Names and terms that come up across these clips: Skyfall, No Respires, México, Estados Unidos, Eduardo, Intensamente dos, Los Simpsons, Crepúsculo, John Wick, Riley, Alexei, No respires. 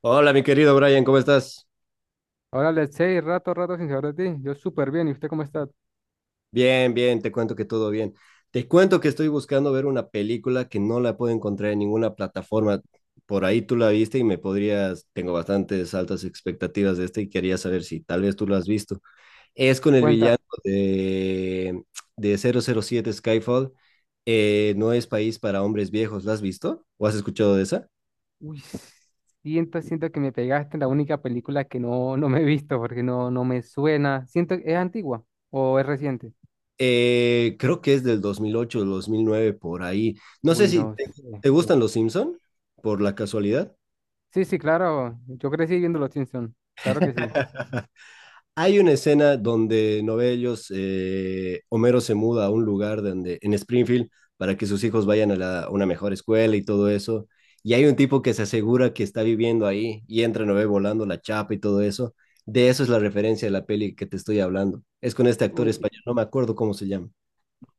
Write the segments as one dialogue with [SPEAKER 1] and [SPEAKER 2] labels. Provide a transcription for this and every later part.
[SPEAKER 1] Hola, mi querido Brian, ¿cómo estás?
[SPEAKER 2] Hola, let's say, rato, rato sin saber de ti. Yo súper bien. ¿Y usted cómo está?
[SPEAKER 1] Bien, bien, te cuento que todo bien. Te cuento que estoy buscando ver una película que no la puedo encontrar en ninguna plataforma. Por ahí tú la viste y tengo bastantes altas expectativas de esta y quería saber si tal vez tú la has visto. Es con el
[SPEAKER 2] Cuenta.
[SPEAKER 1] villano de, de 007 Skyfall. No es país para hombres viejos. ¿La has visto? ¿O has escuchado de esa?
[SPEAKER 2] Uy, siento que me pegaste en la única película que no me he visto porque no me suena. Siento, ¿es antigua o es reciente?
[SPEAKER 1] Creo que es del 2008, 2009 por ahí. No sé
[SPEAKER 2] Uy,
[SPEAKER 1] si
[SPEAKER 2] no
[SPEAKER 1] te,
[SPEAKER 2] sé.
[SPEAKER 1] te gustan los Simpson, por la casualidad.
[SPEAKER 2] Sí, sí, claro. Yo crecí viendo Los Simpsons. Claro que sí.
[SPEAKER 1] Hay una escena donde Novellos, Homero se muda a un lugar donde, en Springfield, para que sus hijos vayan a una mejor escuela y todo eso. Y hay un tipo que se asegura que está viviendo ahí y entra, no, volando la chapa y todo eso. De eso es la referencia de la peli que te estoy hablando. Es con este actor
[SPEAKER 2] Uy,
[SPEAKER 1] español, no me acuerdo cómo se llama.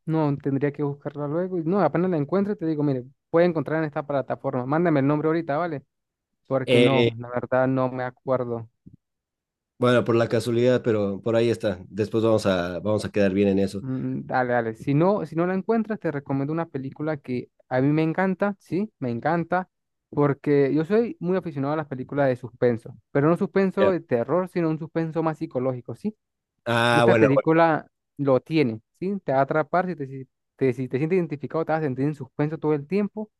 [SPEAKER 2] no, tendría que buscarla luego. No, apenas la encuentre, te digo, mire, puede encontrar en esta plataforma. Mándame el nombre ahorita, ¿vale? Porque
[SPEAKER 1] Eh,
[SPEAKER 2] no, la verdad no me acuerdo.
[SPEAKER 1] Bueno, por la casualidad, pero por ahí está. Después vamos a quedar bien en eso.
[SPEAKER 2] Mm, dale, dale. Si no, si no la encuentras, te recomiendo una película que a mí me encanta, sí, me encanta, porque yo soy muy aficionado a las películas de suspenso, pero no suspenso
[SPEAKER 1] Ya.
[SPEAKER 2] de terror, sino un suspenso más psicológico, ¿sí? Y
[SPEAKER 1] Ah,
[SPEAKER 2] esta
[SPEAKER 1] bueno, bueno.
[SPEAKER 2] película lo tiene, ¿sí? Te va a atrapar, si te sientes identificado, te vas a sentir en suspenso todo el tiempo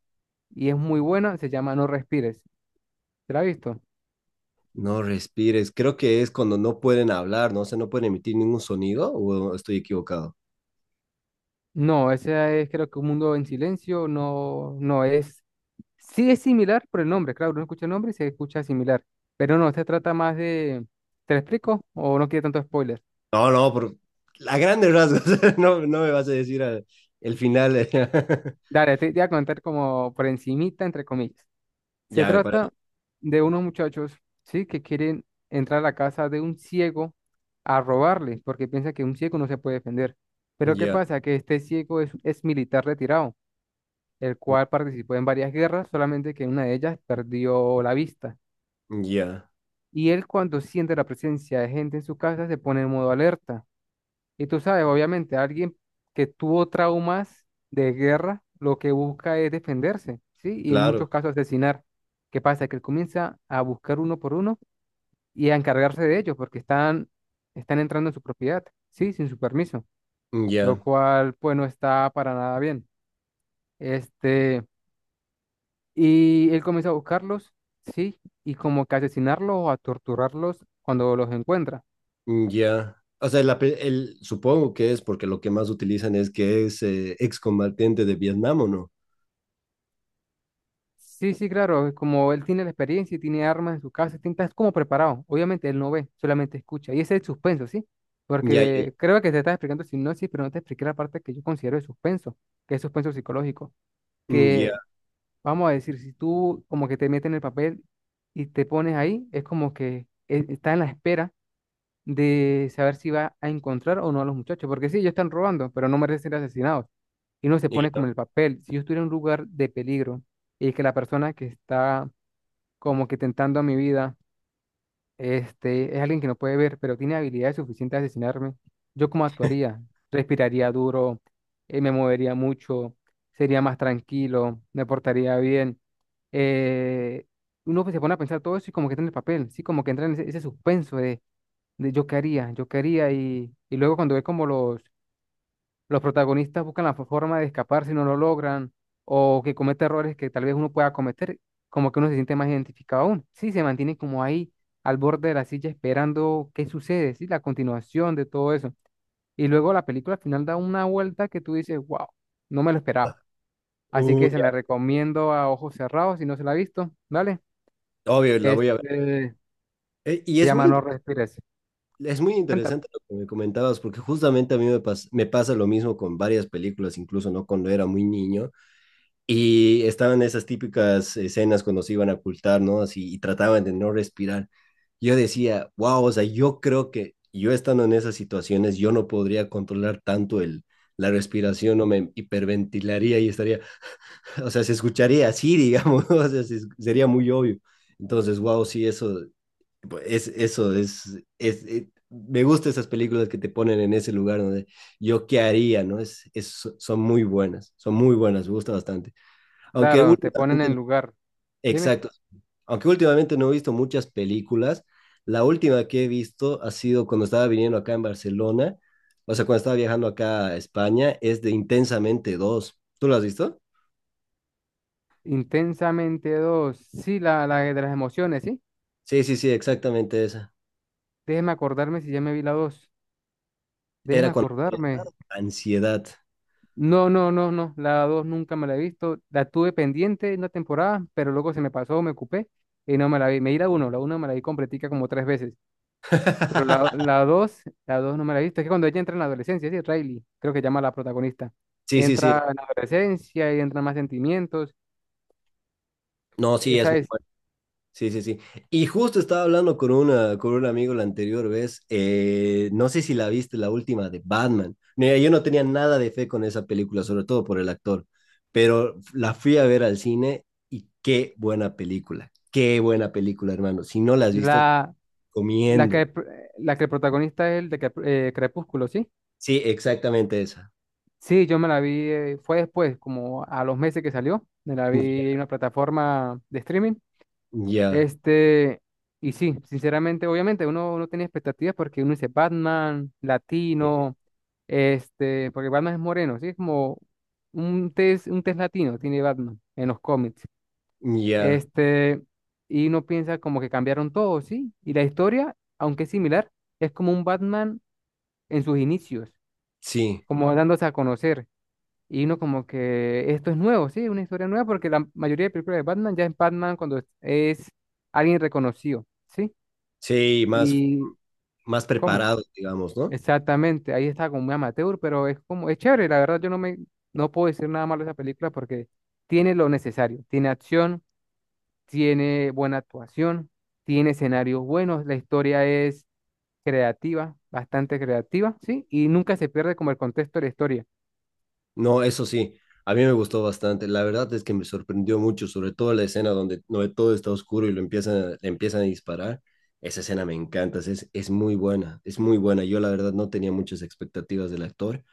[SPEAKER 2] y es muy buena, se llama No Respires. ¿Te la has visto?
[SPEAKER 1] No respires. Creo que es cuando no pueden hablar, ¿no? O sea, no pueden emitir ningún sonido, o estoy equivocado.
[SPEAKER 2] No, ese es creo que un mundo en silencio, no, no es, sí es similar por el nombre, claro, uno escucha el nombre y se escucha similar, pero no, se trata más de, ¿te lo explico? ¿O no quiere tanto spoiler?
[SPEAKER 1] No, no, por a grandes rasgos. No, no me vas a decir el final.
[SPEAKER 2] Dale, te voy a contar como por encimita, entre comillas. Se
[SPEAKER 1] Ya, me parece.
[SPEAKER 2] trata de unos muchachos, ¿sí? Que quieren entrar a la casa de un ciego a robarle, porque piensa que un ciego no se puede defender. Pero ¿qué
[SPEAKER 1] Ya,
[SPEAKER 2] pasa? Que este ciego es militar retirado, el cual participó en varias guerras, solamente que en una de ellas perdió la vista.
[SPEAKER 1] ya,
[SPEAKER 2] Y él cuando siente la presencia de gente en su casa se pone en modo alerta. Y tú sabes, obviamente, alguien que tuvo traumas de guerra, lo que busca es defenderse, ¿sí? Y en muchos
[SPEAKER 1] claro.
[SPEAKER 2] casos asesinar. ¿Qué pasa? Que él comienza a buscar uno por uno y a encargarse de ellos porque están entrando en su propiedad, ¿sí? Sin su permiso,
[SPEAKER 1] Ya,
[SPEAKER 2] lo cual pues no está para nada bien. Este, Y él comienza a buscarlos, sí, y como que asesinarlos o a torturarlos cuando los encuentra.
[SPEAKER 1] ya. O sea, supongo que es porque lo que más utilizan es que es excombatiente de Vietnam, ¿o no?
[SPEAKER 2] Sí, sí, claro, como él tiene la experiencia y tiene armas en su casa, tinta, es como preparado. Obviamente él no ve, solamente escucha. Y ese es el suspenso, ¿sí?
[SPEAKER 1] Ya, ya,
[SPEAKER 2] Porque creo que te estás explicando sinopsis, pero no te expliqué la parte que yo considero de suspenso, que es suspenso psicológico.
[SPEAKER 1] ya.
[SPEAKER 2] Que, vamos a decir, si tú como que te metes en el papel y te pones ahí, es como que está en la espera de saber si va a encontrar o no a los muchachos, porque sí, ellos están robando, pero no merecen ser asesinados. Y uno se
[SPEAKER 1] Ya.
[SPEAKER 2] pone
[SPEAKER 1] No.
[SPEAKER 2] como en el papel, si yo estuviera en un lugar de peligro y que la persona que está como que tentando a mi vida, es alguien que no puede ver, pero tiene habilidades suficientes de asesinarme, ¿yo cómo actuaría? Respiraría duro, me movería mucho, sería más tranquilo, me portaría bien. eh, Uno pues se pone a pensar todo eso y como que entra en el papel, sí, como que entra en ese suspenso de yo qué haría, y luego cuando ve como los protagonistas buscan la forma de escapar si no lo logran, o que comete errores que tal vez uno pueda cometer, como que uno se siente más identificado aún. Sí, se mantiene como ahí al borde de la silla esperando qué sucede, sí, la continuación de todo eso. Y luego la película al final da una vuelta que tú dices, wow, no me lo esperaba. Así
[SPEAKER 1] Uy,
[SPEAKER 2] que se la recomiendo a ojos cerrados si no se la ha visto, ¿vale?
[SPEAKER 1] obvio, la voy a ver.
[SPEAKER 2] Este,
[SPEAKER 1] Y
[SPEAKER 2] Se
[SPEAKER 1] es
[SPEAKER 2] llama
[SPEAKER 1] muy,
[SPEAKER 2] No Respires.
[SPEAKER 1] es muy
[SPEAKER 2] Cuéntame.
[SPEAKER 1] interesante lo que me comentabas, porque justamente a me pasa lo mismo con varias películas, incluso, ¿no? Cuando era muy niño, y estaban esas típicas escenas cuando se iban a ocultar, ¿no? Así, y trataban de no respirar. Yo decía, wow, o sea, yo creo que yo estando en esas situaciones, yo no podría controlar tanto la respiración, o me hiperventilaría y estaría, o sea, se escucharía así, digamos, o sea, sería muy obvio. Entonces, wow, sí, eso. Pues, Es, eso es- me gustan esas películas que te ponen en ese lugar donde yo qué haría, ¿no? Son muy buenas, son muy buenas, me gusta bastante. Aunque
[SPEAKER 2] Claro, te ponen en
[SPEAKER 1] últimamente,
[SPEAKER 2] lugar. Dime.
[SPEAKER 1] exacto, aunque últimamente no he visto muchas películas. La última que he visto ha sido cuando estaba viniendo acá en Barcelona, o sea, cuando estaba viajando acá a España, es de Intensamente dos. ¿Tú lo has visto?
[SPEAKER 2] Intensamente dos. Sí, la de las emociones, ¿sí?
[SPEAKER 1] Sí, sí, sí, exactamente esa.
[SPEAKER 2] Déjeme acordarme si ya me vi la dos.
[SPEAKER 1] Era
[SPEAKER 2] Déjeme
[SPEAKER 1] cuando
[SPEAKER 2] acordarme.
[SPEAKER 1] ansiedad.
[SPEAKER 2] No, no, no, no. La dos nunca me la he visto. La tuve pendiente una temporada, pero luego se me pasó, me ocupé y no me la vi. Me vi la uno me la vi completica como tres veces. Pero la, la dos, la dos no me la he visto. Es que cuando ella entra en la adolescencia, sí, Riley, creo que llama a la protagonista.
[SPEAKER 1] Sí, sí, sí.
[SPEAKER 2] Entra en la adolescencia y entran más sentimientos.
[SPEAKER 1] No, sí, es
[SPEAKER 2] Esa
[SPEAKER 1] muy
[SPEAKER 2] es
[SPEAKER 1] sí, sí, sí. Y justo estaba hablando con un amigo la anterior vez, no sé si la viste, la última de Batman. Mira, yo no tenía nada de fe con esa película, sobre todo por el actor, pero la fui a ver al cine y qué buena película, hermano. Si no la has visto, te
[SPEAKER 2] la, la
[SPEAKER 1] recomiendo.
[SPEAKER 2] que, la que el protagonista es el de Crepúsculo, ¿sí?
[SPEAKER 1] Sí, exactamente esa.
[SPEAKER 2] Sí, yo me la vi, fue después, como a los meses que salió, me la
[SPEAKER 1] Ya,
[SPEAKER 2] vi en una plataforma de streaming.
[SPEAKER 1] ya,
[SPEAKER 2] Este, y sí, sinceramente, obviamente, uno tiene expectativas porque uno dice Batman, latino, porque Batman es moreno, sí, es como un test latino tiene Batman en los cómics.
[SPEAKER 1] ya,
[SPEAKER 2] Este, y uno piensa como que cambiaron todo, sí, y la historia, aunque es similar, es como un Batman en sus inicios,
[SPEAKER 1] sí,
[SPEAKER 2] como dándose a conocer y uno como que esto es nuevo, sí, una historia nueva, porque la mayoría de películas de Batman ya es Batman cuando es alguien reconocido, ¿sí?
[SPEAKER 1] sí, más,
[SPEAKER 2] Y
[SPEAKER 1] más
[SPEAKER 2] ¿cómo?
[SPEAKER 1] preparados, digamos, ¿no?
[SPEAKER 2] Exactamente, ahí está como muy amateur, pero es como, es chévere, la verdad yo no me, no puedo decir nada malo de esa película porque tiene lo necesario, tiene acción, tiene buena actuación, tiene escenarios buenos, la historia es creativa, bastante creativa, ¿sí? Y nunca se pierde como el contexto de la historia.
[SPEAKER 1] No, eso sí, a mí me gustó bastante. La verdad es que me sorprendió mucho, sobre todo la escena donde no, todo está oscuro y le empiezan a disparar. Esa escena me encanta, es muy buena, es muy buena. Yo la verdad no tenía muchas expectativas del actor,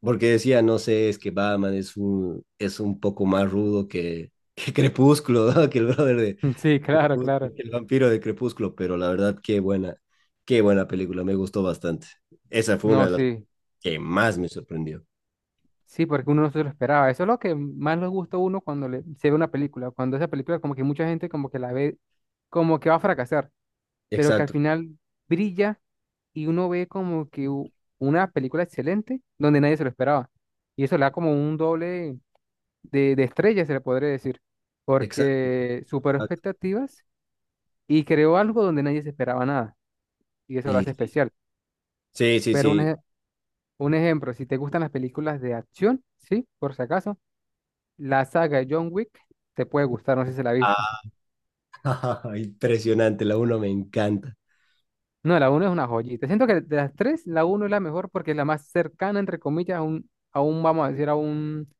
[SPEAKER 1] porque decía, no sé, es que Batman es un poco más rudo que, que Crepúsculo, ¿no? Que el brother de,
[SPEAKER 2] Sí,
[SPEAKER 1] de
[SPEAKER 2] claro,
[SPEAKER 1] Crepúsculo,
[SPEAKER 2] claro.
[SPEAKER 1] que el vampiro de Crepúsculo, pero la verdad, qué buena película, me gustó bastante. Esa fue una
[SPEAKER 2] No,
[SPEAKER 1] de las
[SPEAKER 2] sí.
[SPEAKER 1] que más me sorprendió.
[SPEAKER 2] Sí, porque uno no se lo esperaba. Eso es lo que más le gusta a uno cuando se ve una película. Cuando esa película, como que mucha gente como que la ve, como que va a fracasar, pero que al
[SPEAKER 1] Exacto,
[SPEAKER 2] final brilla y uno ve como que una película excelente donde nadie se lo esperaba. Y eso le da como un doble de estrella, se le podría decir,
[SPEAKER 1] exacto.
[SPEAKER 2] porque superó expectativas y creó algo donde nadie se esperaba nada. Y eso lo hace
[SPEAKER 1] Y
[SPEAKER 2] especial.
[SPEAKER 1] sí, sí, sí.
[SPEAKER 2] Pero
[SPEAKER 1] Sí.
[SPEAKER 2] un ejemplo, si te gustan las películas de acción, ¿sí? Por si acaso. La saga de John Wick te puede gustar, no sé si se la has visto.
[SPEAKER 1] Ah, impresionante, la uno me encanta.
[SPEAKER 2] No, la uno es una joyita. Siento que de las tres, la uno es la mejor porque es la más cercana, entre comillas, a un, vamos a decir,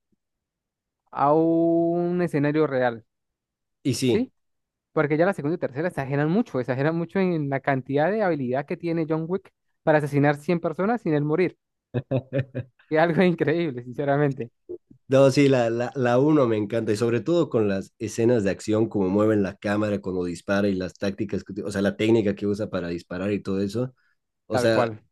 [SPEAKER 2] a un escenario real,
[SPEAKER 1] Y sí,
[SPEAKER 2] ¿sí? Porque ya la segunda y tercera exageran mucho en la cantidad de habilidad que tiene John Wick para asesinar 100 personas sin él morir. Que es algo increíble, sinceramente.
[SPEAKER 1] no, sí, la uno me encanta, y sobre todo con las escenas de acción, como mueven la cámara cuando dispara y las tácticas, o sea, la técnica que usa para disparar y todo eso. O
[SPEAKER 2] Tal
[SPEAKER 1] sea,
[SPEAKER 2] cual.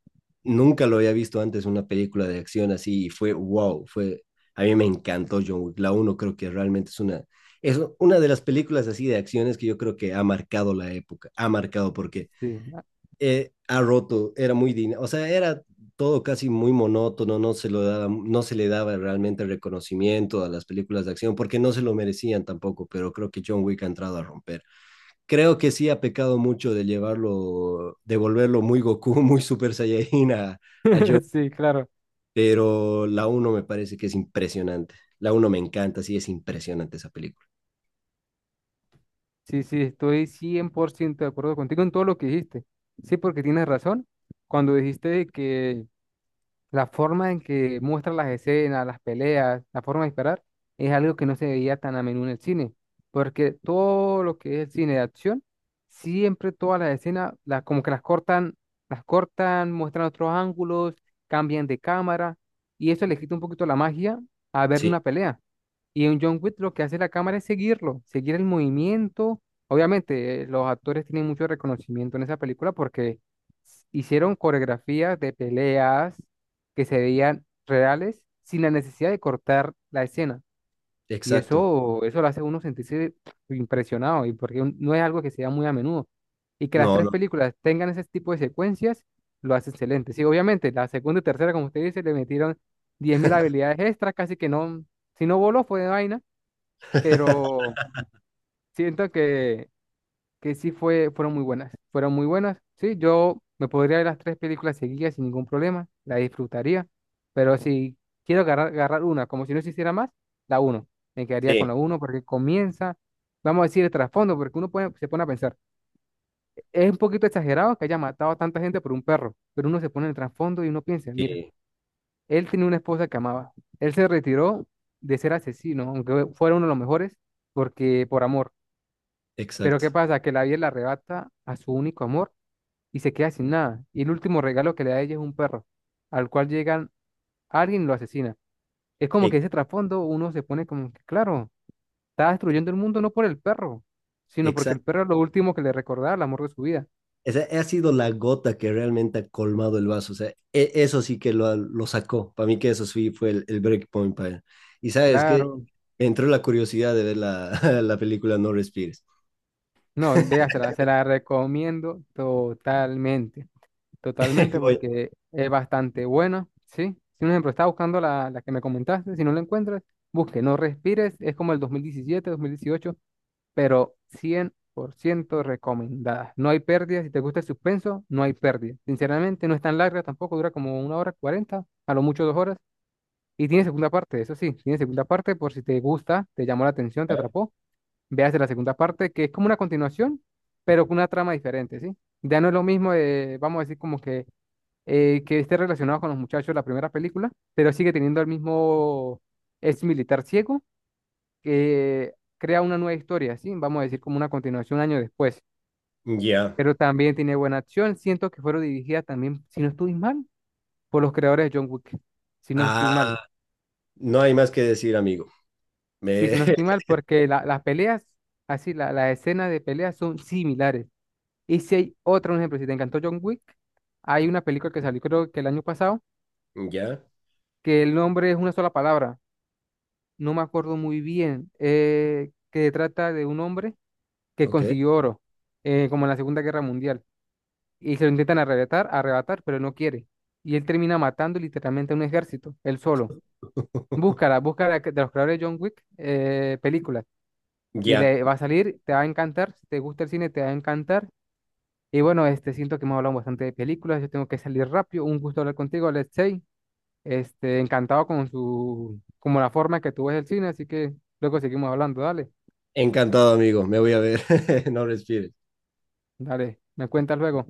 [SPEAKER 1] nunca lo había visto antes una película de acción así, y fue wow, a mí me encantó John Wick. La uno creo que realmente es una de las películas así de acciones que yo creo que ha marcado la época, ha marcado porque
[SPEAKER 2] Sí,
[SPEAKER 1] ha roto, o sea, era todo casi muy monótono, no se le daba realmente reconocimiento a las películas de acción porque no se lo merecían tampoco, pero creo que John Wick ha entrado a romper. Creo que sí ha pecado mucho de llevarlo, de volverlo muy Goku, muy Super Saiyajin a John,
[SPEAKER 2] sí, claro.
[SPEAKER 1] pero la uno me parece que es impresionante. La uno me encanta, sí, es impresionante esa película.
[SPEAKER 2] Sí, sí, estoy 100% de acuerdo contigo en todo lo que dijiste. Sí, porque tienes razón. Cuando dijiste que la forma en que muestra las escenas, las peleas, la forma de disparar, es algo que no se veía tan a menudo en el cine, porque todo lo que es el cine de acción, siempre todas las escenas, como que las cortan, muestran otros ángulos, cambian de cámara, y eso le quita un poquito la magia a ver
[SPEAKER 1] Sí,
[SPEAKER 2] una pelea. Y en John Wick lo que hace la cámara es seguirlo, seguir el movimiento. Obviamente, los actores tienen mucho reconocimiento en esa película porque hicieron coreografías de peleas, que se veían reales sin la necesidad de cortar la escena. Y
[SPEAKER 1] exacto.
[SPEAKER 2] eso lo hace a uno sentirse impresionado, y porque no es algo que se da muy a menudo. Y que las
[SPEAKER 1] No,
[SPEAKER 2] tres
[SPEAKER 1] no.
[SPEAKER 2] películas tengan ese tipo de secuencias, lo hace excelente. Sí, obviamente, la segunda y tercera, como usted dice, le metieron 10.000 habilidades extras, casi que no, si no voló fue de vaina, pero siento que sí fueron muy buenas, fueron muy buenas. Sí, yo me podría ver las tres películas seguidas sin ningún problema, la disfrutaría, pero si quiero agarrar una, como si no se hiciera más, la uno, me quedaría
[SPEAKER 1] Sí,
[SPEAKER 2] con la uno porque comienza, vamos a decir, el trasfondo, porque se pone a pensar, es un poquito exagerado que haya matado a tanta gente por un perro, pero uno se pone en el trasfondo y uno piensa, mira,
[SPEAKER 1] sí,
[SPEAKER 2] él tenía una esposa que amaba, él se retiró de ser asesino, aunque fuera uno de los mejores, porque por amor. Pero ¿qué
[SPEAKER 1] exacto.
[SPEAKER 2] pasa? Que la vida le arrebata a su único amor y se queda sin nada. Y el último regalo que le da ella es un perro, al cual llegan alguien y lo asesina. Es como que
[SPEAKER 1] Ex-
[SPEAKER 2] ese trasfondo uno se pone como que, claro, está
[SPEAKER 1] e-,
[SPEAKER 2] destruyendo el mundo no por el perro, sino porque el
[SPEAKER 1] Exacto.
[SPEAKER 2] perro es lo último que le recordaba el amor de su vida.
[SPEAKER 1] O sea, ha sido la gota que realmente ha colmado el vaso. O sea, eso sí que lo sacó. Para mí que eso sí fue el break point para él. Y sabes que
[SPEAKER 2] Claro,
[SPEAKER 1] entró la curiosidad de ver la película No Respires.
[SPEAKER 2] no, vea, se la recomiendo totalmente, totalmente
[SPEAKER 1] Voy,
[SPEAKER 2] porque es bastante buena, ¿sí? Si un ejemplo, está buscando la que me comentaste, si no la encuentras, busque, no respires, es como el 2017, 2018 pero 100% recomendada. No hay pérdida. Si te gusta el suspenso, no hay pérdida. Sinceramente, no es tan larga tampoco, dura como una hora cuarenta, a lo mucho dos horas. Y tiene segunda parte, eso sí, tiene segunda parte por si te gusta, te llamó la atención, te atrapó. Veas la segunda parte, que es como una continuación, pero con una trama diferente, ¿sí? Ya no es lo mismo, de, vamos a decir, como que esté relacionado con los muchachos de la primera película, pero sigue teniendo el mismo ex militar ciego que crea una nueva historia, ¿sí? Vamos a decir como una continuación un año después,
[SPEAKER 1] Ya.
[SPEAKER 2] pero también tiene buena acción. Siento que fueron dirigidas también, si no estoy mal, por los creadores de John Wick, si no estoy mal.
[SPEAKER 1] Ah, no hay más que decir, amigo.
[SPEAKER 2] Sí,
[SPEAKER 1] Me...
[SPEAKER 2] si no estoy mal, porque las peleas, así, las escenas de peleas son similares. Y si hay otro, un ejemplo, si te encantó John Wick, hay una película que salió creo que el año pasado,
[SPEAKER 1] Ya.
[SPEAKER 2] que el nombre es una sola palabra, no me acuerdo muy bien, que trata de un hombre que
[SPEAKER 1] Ok.
[SPEAKER 2] consiguió oro, como en la Segunda Guerra Mundial. Y se lo intentan arrebatar, arrebatar, pero él no quiere. Y él termina matando literalmente a un ejército, él solo. Búscala, búscala de los creadores de John Wick, películas. Y
[SPEAKER 1] Ya.
[SPEAKER 2] le va a salir, te va a encantar. Si te gusta el cine, te va a encantar. Y bueno, siento que hemos hablado bastante de películas. Yo tengo que salir rápido. Un gusto hablar contigo, Alexei. Encantado con su, como la forma que tú ves el cine. Así que luego seguimos hablando. Dale,
[SPEAKER 1] Encantado, amigo. Me voy a ver. No Respires.
[SPEAKER 2] dale. Me cuentas luego.